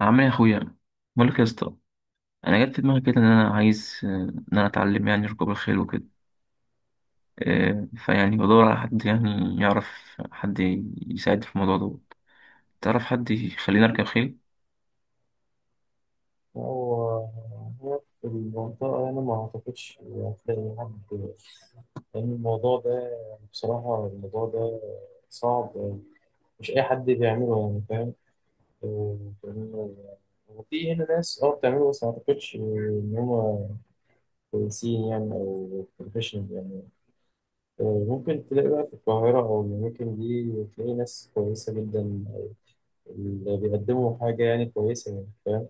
عامل ايه يا اخويا؟ بقول لك يا اسطى، انا جت في دماغي كده ان انا عايز ان انا اتعلم يعني ركوب الخيل وكده. فيعني بدور على حد يعني يعرف حد يساعدني في الموضوع دوت. تعرف حد يخليني اركب خيل؟ هو هو في المنطقة، أنا ما أعتقدش هتلاقي حد. لأن الموضوع ده يعني بصراحة الموضوع ده صعب. مش أي حد بيعمله يعني فاهم. لأنه- وفي هنا ناس بتعمله بس ما أعتقدش إن هما كويسين يعني أو بروفيشنال يعني. ممكن تلاقي بقى في القاهرة أو الأماكن دي تلاقي ناس كويسة جدا أو اللي بيقدموا حاجة يعني كويسة يعني فاهم.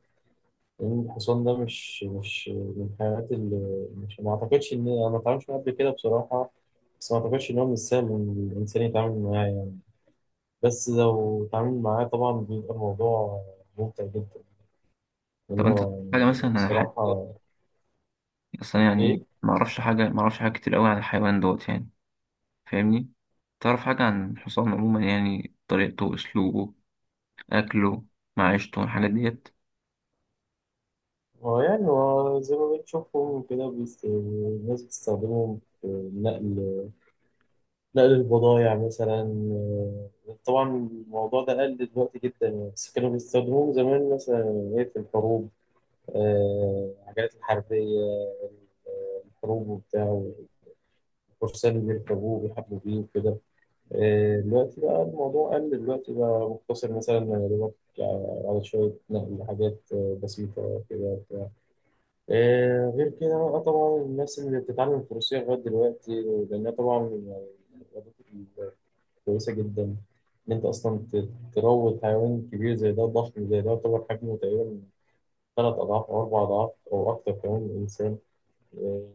لأن الحصان ده مش من الحيوانات اللي مش ما أعتقدش إن أنا ما اتعاملتش معاه قبل كده بصراحة. بس ما أعتقدش إن هو من السهل إن الإنسان يتعامل معاه يعني. بس لو اتعامل معاه طبعا بيبقى الموضوع ممتع جدا طب انت لأنه حاجه يعني مثلا عن الحيوان دوت؟ بصراحة. اصل أنا يعني إيه، ما اعرفش حاجه ما اعرفش حاجه كتير قوي عن الحيوان دوت يعني. فاهمني؟ تعرف حاجه عن الحصان عموما؟ يعني طريقته، اسلوبه، اكله، معيشته، الحاجات ديت. هو يعني هو زي ما بنشوفهم كده الناس بتستخدمهم في نقل نقل البضايع مثلا. طبعا الموضوع ده قل دلوقتي جدا يعني، بس كانوا بيستخدموه زمان مثلا في الحروب. العجلات الحربية، الحروب وبتاع، والفرسان اللي بيركبوه وبيحاربوا بيه وكده. دلوقتي بقى الموضوع قل دلوقتي بقى مقتصر مثلا يا دوبك على شوية نقل حاجات بسيطة كده بتاع. غير كده بقى طبعا الناس اللي بتتعلم الفروسية لغاية دلوقتي، لأنها طبعا يعني رياضة كويسة جدا. إن أنت أصلا تروض حيوان كبير زي ده، ضخم زي ده يعتبر حجمه تقريبا 3 أضعاف أو 4 أضعاف أو أكتر كمان من الإنسان. إيه،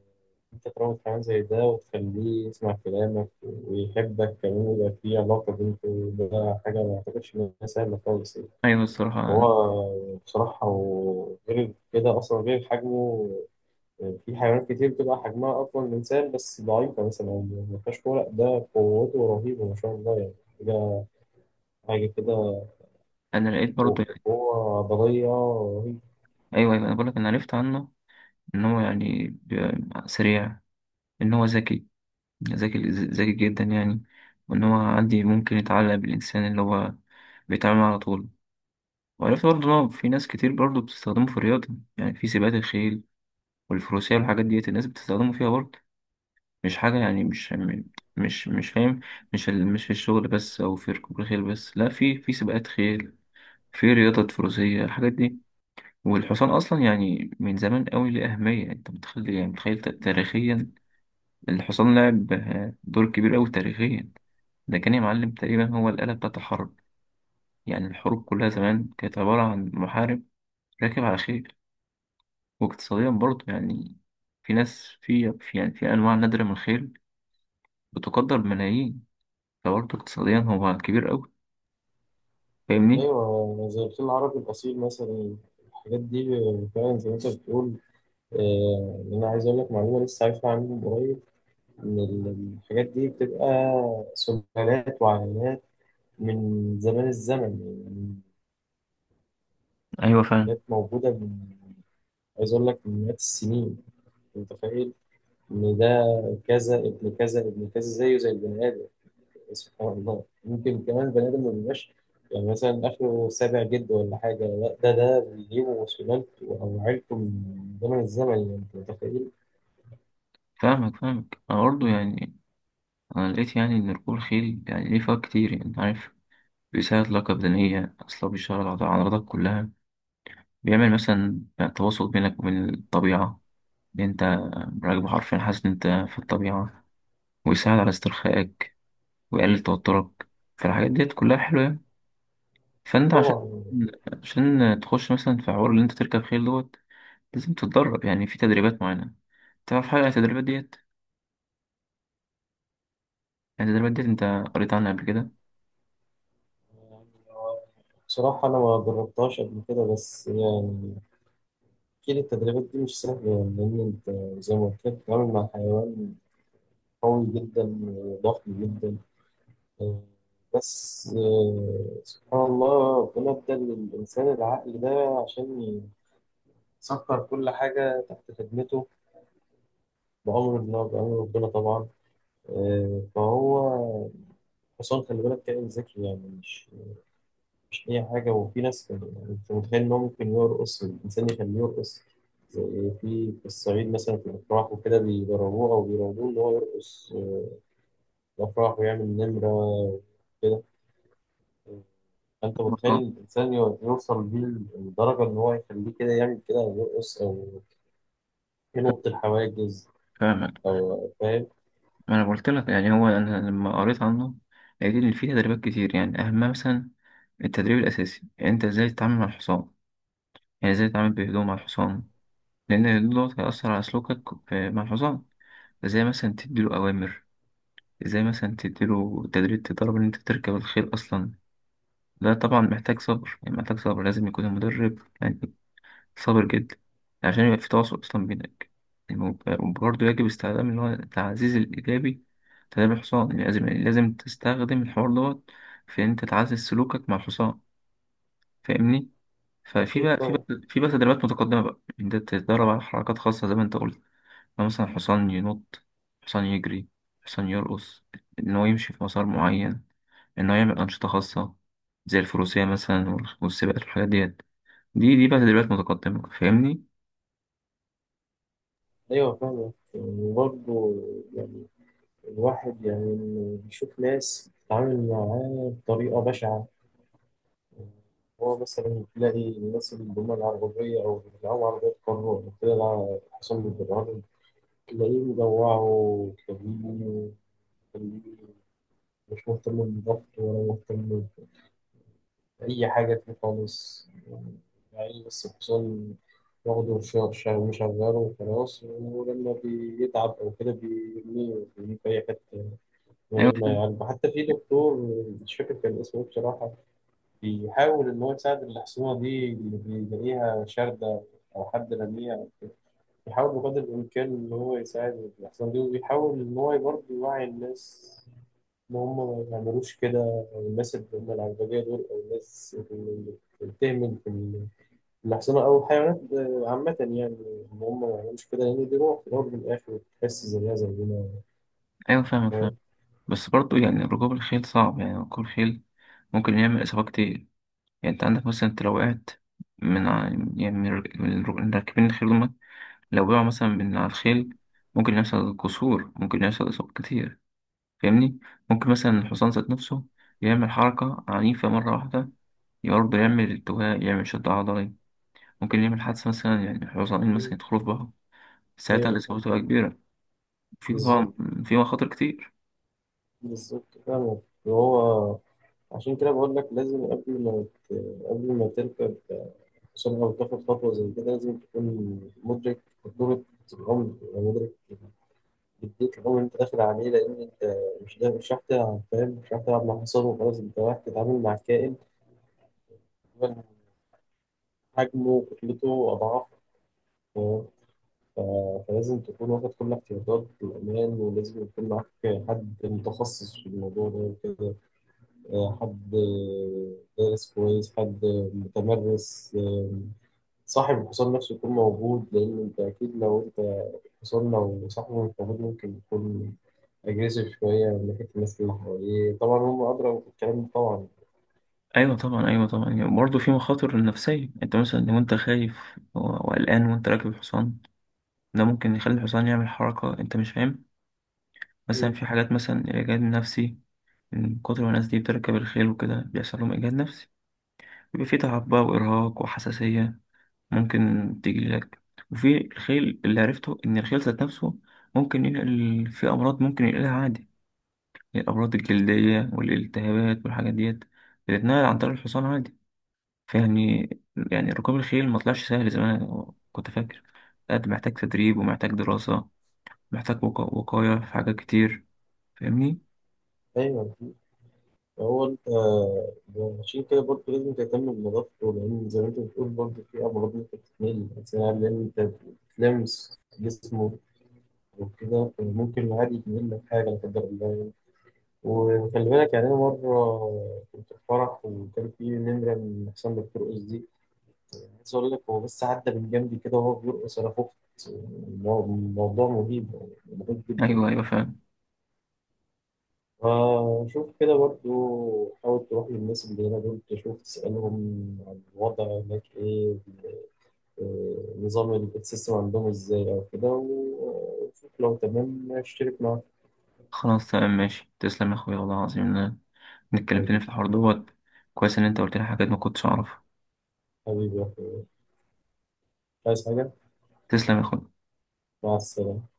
أنت تروض حيوان زي ده وتخليه يسمع كلامك ويحبك كمان ويبقى في علاقة بينكم، ده حاجة ما أعتقدش إن هي سهلة خالص يعني. ايوه، الصراحه انا هو بصراحة وغير كده أصلا غير حجمه، في حيوانات كتير بتبقى حجمها أقوى من الإنسان بس ضعيفة مثلا، ما فيهاش قوة. لأ، ده قوته رهيبة ما شاء الله يعني. ده حاجة كده، أنا لقيت برضه يعني. قوة عضلية رهيبة. ايوه ايوه، انا بقول لك انا عرفت عنه ان هو يعني سريع، ان هو ذكي، ذكي جدا يعني. وان هو عندي ممكن يتعلق بالانسان اللي هو بيتعامل معاه على طول. وعرفت برضه ان هو في ناس كتير برضه بتستخدمه في الرياضة، يعني في سباقات الخيل والفروسية والحاجات ديت الناس بتستخدمه فيها برضه. مش حاجة يعني، مش فاهم، مش في الشغل بس او في ركوب الخيل بس، لا، في سباقات خيل، في رياضة فروسية، الحاجات دي. والحصان أصلا يعني من زمان قوي ليه أهمية. أنت متخيل يعني متخيل تاريخيا؟ الحصان لعب دور كبير أوي تاريخيا. ده كان يا معلم تقريبا هو الآلة بتاعة الحرب. يعني الحروب كلها زمان كانت عبارة عن محارب راكب على خيل. واقتصاديا برضه يعني في ناس يعني في أنواع نادرة من الخيل بتقدر بملايين. فبرضه اقتصاديا هو كبير أوي. فاهمني؟ أيوة زي الفيل العربي الأصيل مثلا، الحاجات دي فعلا زي ما أنت بتقول. انا عايز اقول لك معلومه لسه عارفها عنهم قريب، ان الحاجات دي بتبقى سلالات وعائلات من زمان الزمن يعني. ايوه، فاهم. حاجات موجوده من، عايز اقول لك من مئات السنين. انت متخيل ان ده كذا ابن كذا ابن كذا زيه زي البني ادم. سبحان الله، ممكن كمان البني ادم ما بيبقاش يعني مثلا اخره سابع جد ولا حاجه، لا ده بيجيبه سلالته او عيلته من زمن الزمن يعني انت متخيل. فاهمك فاهمك. أنا برضه يعني أنا لقيت يعني إن ركوب الخيل يعني ليه فوائد كتير يعني، أنت عارف، بيساعد الطاقة البدنية، أصلا بيشتغل على العضلات كلها، بيعمل مثلا يعني تواصل بينك وبين الطبيعة، إن انت راكب حرفيا حاسس ان انت في الطبيعة، ويساعد على استرخائك، ويقلل توترك. فالحاجات ديت كلها حلوة يعني. اكيد فانت عشان طبعا. عشان تخش مثلا في حوار اللي انت تركب خيل دوت، لازم تتدرب يعني في تدريبات معينة. تعرف حاجة عن التدريبات ديت؟ يعني التدريبات ديت انت قريت عنها قبل كده؟ بصراحة أنا ما جربتهاش قبل كده بس يعني، أكيد التدريبات دي مش سهلة يعني لأن أنت زي ما قلت لك بتتعامل مع حيوان قوي جدا وضخم جدا. آه، بس سبحان الله ربنا ادى للإنسان العقل ده عشان يسخر كل حاجة تحت خدمته بأمر الله بأمر ربنا طبعا. فهو حصان، خلي بالك كائن ذكي يعني، مش أي حاجة. وفي ناس كده يعني أنت متخيل إن هو ممكن يرقص الإنسان يخليه يرقص، زي في الصعيد مثلا في الأفراح وكده بيدربوه أو بيراقبوه إن هو يرقص في الأفراح ويعمل نمرة كده. فأنت متخيل اه، الإنسان يوصل بيه لدرجة إن هو يخليه كده يعمل كده أو يرقص أو ينط الحواجز فاهمك. أو فاهم. انا قلت لك يعني، هو انا لما قريت عنه لقيت ان في تدريبات كتير يعني اهمها مثلا التدريب الاساسي، يعني انت ازاي تتعامل مع الحصان، يعني ازاي تتعامل بهدوء مع الحصان، لأن ده هيأثر على سلوكك مع الحصان. زي مثلا تديله أوامر، زي مثلا تديله تدريب، تدرب إن أنت تركب الخيل أصلا. ده طبعا محتاج صبر، يعني محتاج صبر، لازم يكون المدرب يعني صابر جدا عشان يبقى في تواصل أصلا بينك. وبرضه يجب استخدام اللي هو التعزيز الإيجابي. تدريب الحصان يعني لازم، يعني لازم تستخدم الحوار دوت في إن أنت تعزز سلوكك مع الحصان. فاهمني؟ ففي أكيد بقى، في طبعا. بقى في بقى تدريبات متقدمة بقى إن أنت تتدرب على حركات خاصة زي ما أنت قلت. لو مثلا حصان ينط، حصان يجري، حصان يرقص، إن هو يمشي في مسار معين، إن هو يعمل أنشطة خاصة زي الفروسية مثلا والسباقات والحاجات ديت. دي بقى تدريبات متقدمة. فاهمني؟ أيوه فاهم وبرضه يعني الواحد يعني بيشوف ناس بتتعامل معاه بطريقة بشعة. هو مثلا تلاقي الناس اللي هم العربية أو اللي بيلعبوا عربيات قارورة كده حصل بالبرهان، تلاقيه مجوعه وكبير وكبير، مش مهتم بالضبط ولا مهتم بأي حاجة فيه خالص يعني. يعني بس الحصان واخده مشغله وخلاص، ولما بيتعب أو كده بيرميه بيرميه في أي حتة من أيوة غير ما فاهم. يعالجه حتى. في دكتور مش فاكر كان اسمه إيه بصراحة بيحاول إن هو يساعد الحصينة دي اللي بيلاقيها شاردة أو حد رميها. بيحاول بقدر الإمكان إن هو يساعد الحصينة دي وبيحاول إن هو برضه يوعي الناس إن هم ما يعملوش كده، أو الناس اللي هم العربجية دول أو الناس اللي بتهمل في الحصينة أو الحيوانات عامة يعني إن هم ما يعملوش كده، لأن دي روح في الأول وفي الآخر بتحس زيها زينا. أيوة فاهم فاهم. فاهم؟ بس برضه يعني ركوب الخيل صعب، يعني ركوب الخيل ممكن يعمل إصابة كتير. يعني أنت عندك مثلا، أنت لو وقعت من ع- يعني من راكبين الخيل، هما لو وقعوا مثلا من على الخيل ممكن يحصل كسور، ممكن يحصل إصابات كتير. فاهمني؟ ممكن مثلا الحصان ذات نفسه يعمل حركة عنيفة مرة واحدة، برضه يعمل التواء، يعمل شد عضلي. ممكن يعمل حادثة مثلا، يعني الحصانين مثلا يدخلوا في بعض، ساعتها أيوه الإصابة تبقى كبيرة. في طبعا بالظبط. في مخاطر كتير. بالظبط فاهم. وهو عشان كده بقول لك لازم قبل ما تركب سرعة وتاخد خطوة زي كده، لازم تكون مدرك خطورة الأمر يعني مدرك جدية الأمر اللي أنت داخل عليه. لأن أنت مش ده مش رايح تلعب فاهم، مش رايح تلعب مع حصان وخلاص، أنت رايح تتعامل مع كائن تقريباً حجمه وكتلته أضعاف. فاهم؟ ف- فلازم تكون واخد كل احتياطات الأمان، ولازم يكون معاك حد متخصص في الموضوع ده وكده. حد دارس كويس، حد متمرس. صاحب الحصان نفسه يكون موجود لأن أنت أكيد لو أنت الحصان لو صاحبه مش موجود ممكن يكون أجريسيف شوية من ناحية الناس اللي حواليه طبعا، هم أدرى بالكلام ده طبعا. أيوة طبعا، أيوة طبعا. يعني برضه في مخاطر نفسية. أنت مثلا لو أنت خايف وقلقان وأنت راكب الحصان، ده ممكن يخلي الحصان يعمل حركة أنت مش فاهم. مثلا مم. في حاجات مثلا الإجهاد النفسي، من كتر ما الناس دي بتركب الخيل وكده بيحصل لهم إجهاد نفسي، بيبقى في تعب بقى وإرهاق وحساسية ممكن تيجي لك. وفي الخيل اللي عرفته إن الخيل ذات نفسه ممكن ينقل في أمراض، ممكن ينقلها عادي. الأمراض الجلدية والالتهابات والحاجات ديت بتتنقل عن طريق الحصان عادي. فيعني يعني ركوب الخيل ما طلعش سهل زي ما أنا كنت فاكر. قد محتاج تدريب، ومحتاج دراسة، محتاج وقاية في حاجات كتير. فاهمني؟ أيوه أكيد. هو أنت عشان كده برضه لازم تهتم بنظافته، لأن زي ما أنت بتقول برضه في أمراض ممكن تتنقل، لأن أنت بتلمس جسمه وكده فممكن عادي يتنقل لك حاجة لا قدر الله يعني. وخلي بالك يعني أنا مرة كنت في فرح وكان في نمرة من أحسن دكتور SD، عايز اقول لك هو بس عدى من جنبي كده وهو بيرقص انا خفت. الموضوع مهيب يعني مهيب جدا. أيوه أيوه فاهم. فشوف كده برضو حاول تروح للناس اللي هنا دول تشوف تسألهم عن الوضع هناك ايه. نظام السيستم عندهم ازاي او كده وشوف لو تمام اشترك معاك. خلاص تمام ماشي، تسلم يا أخويا، والله العظيم إن إنك كلمتني حبيبي. في الحوار دوت كويس، إن أنت قلت لي حاجات ما كنتش أعرفها. حبيبي يا أخويا. عايز حاجة. تسلم يا أخويا. مع السلامة.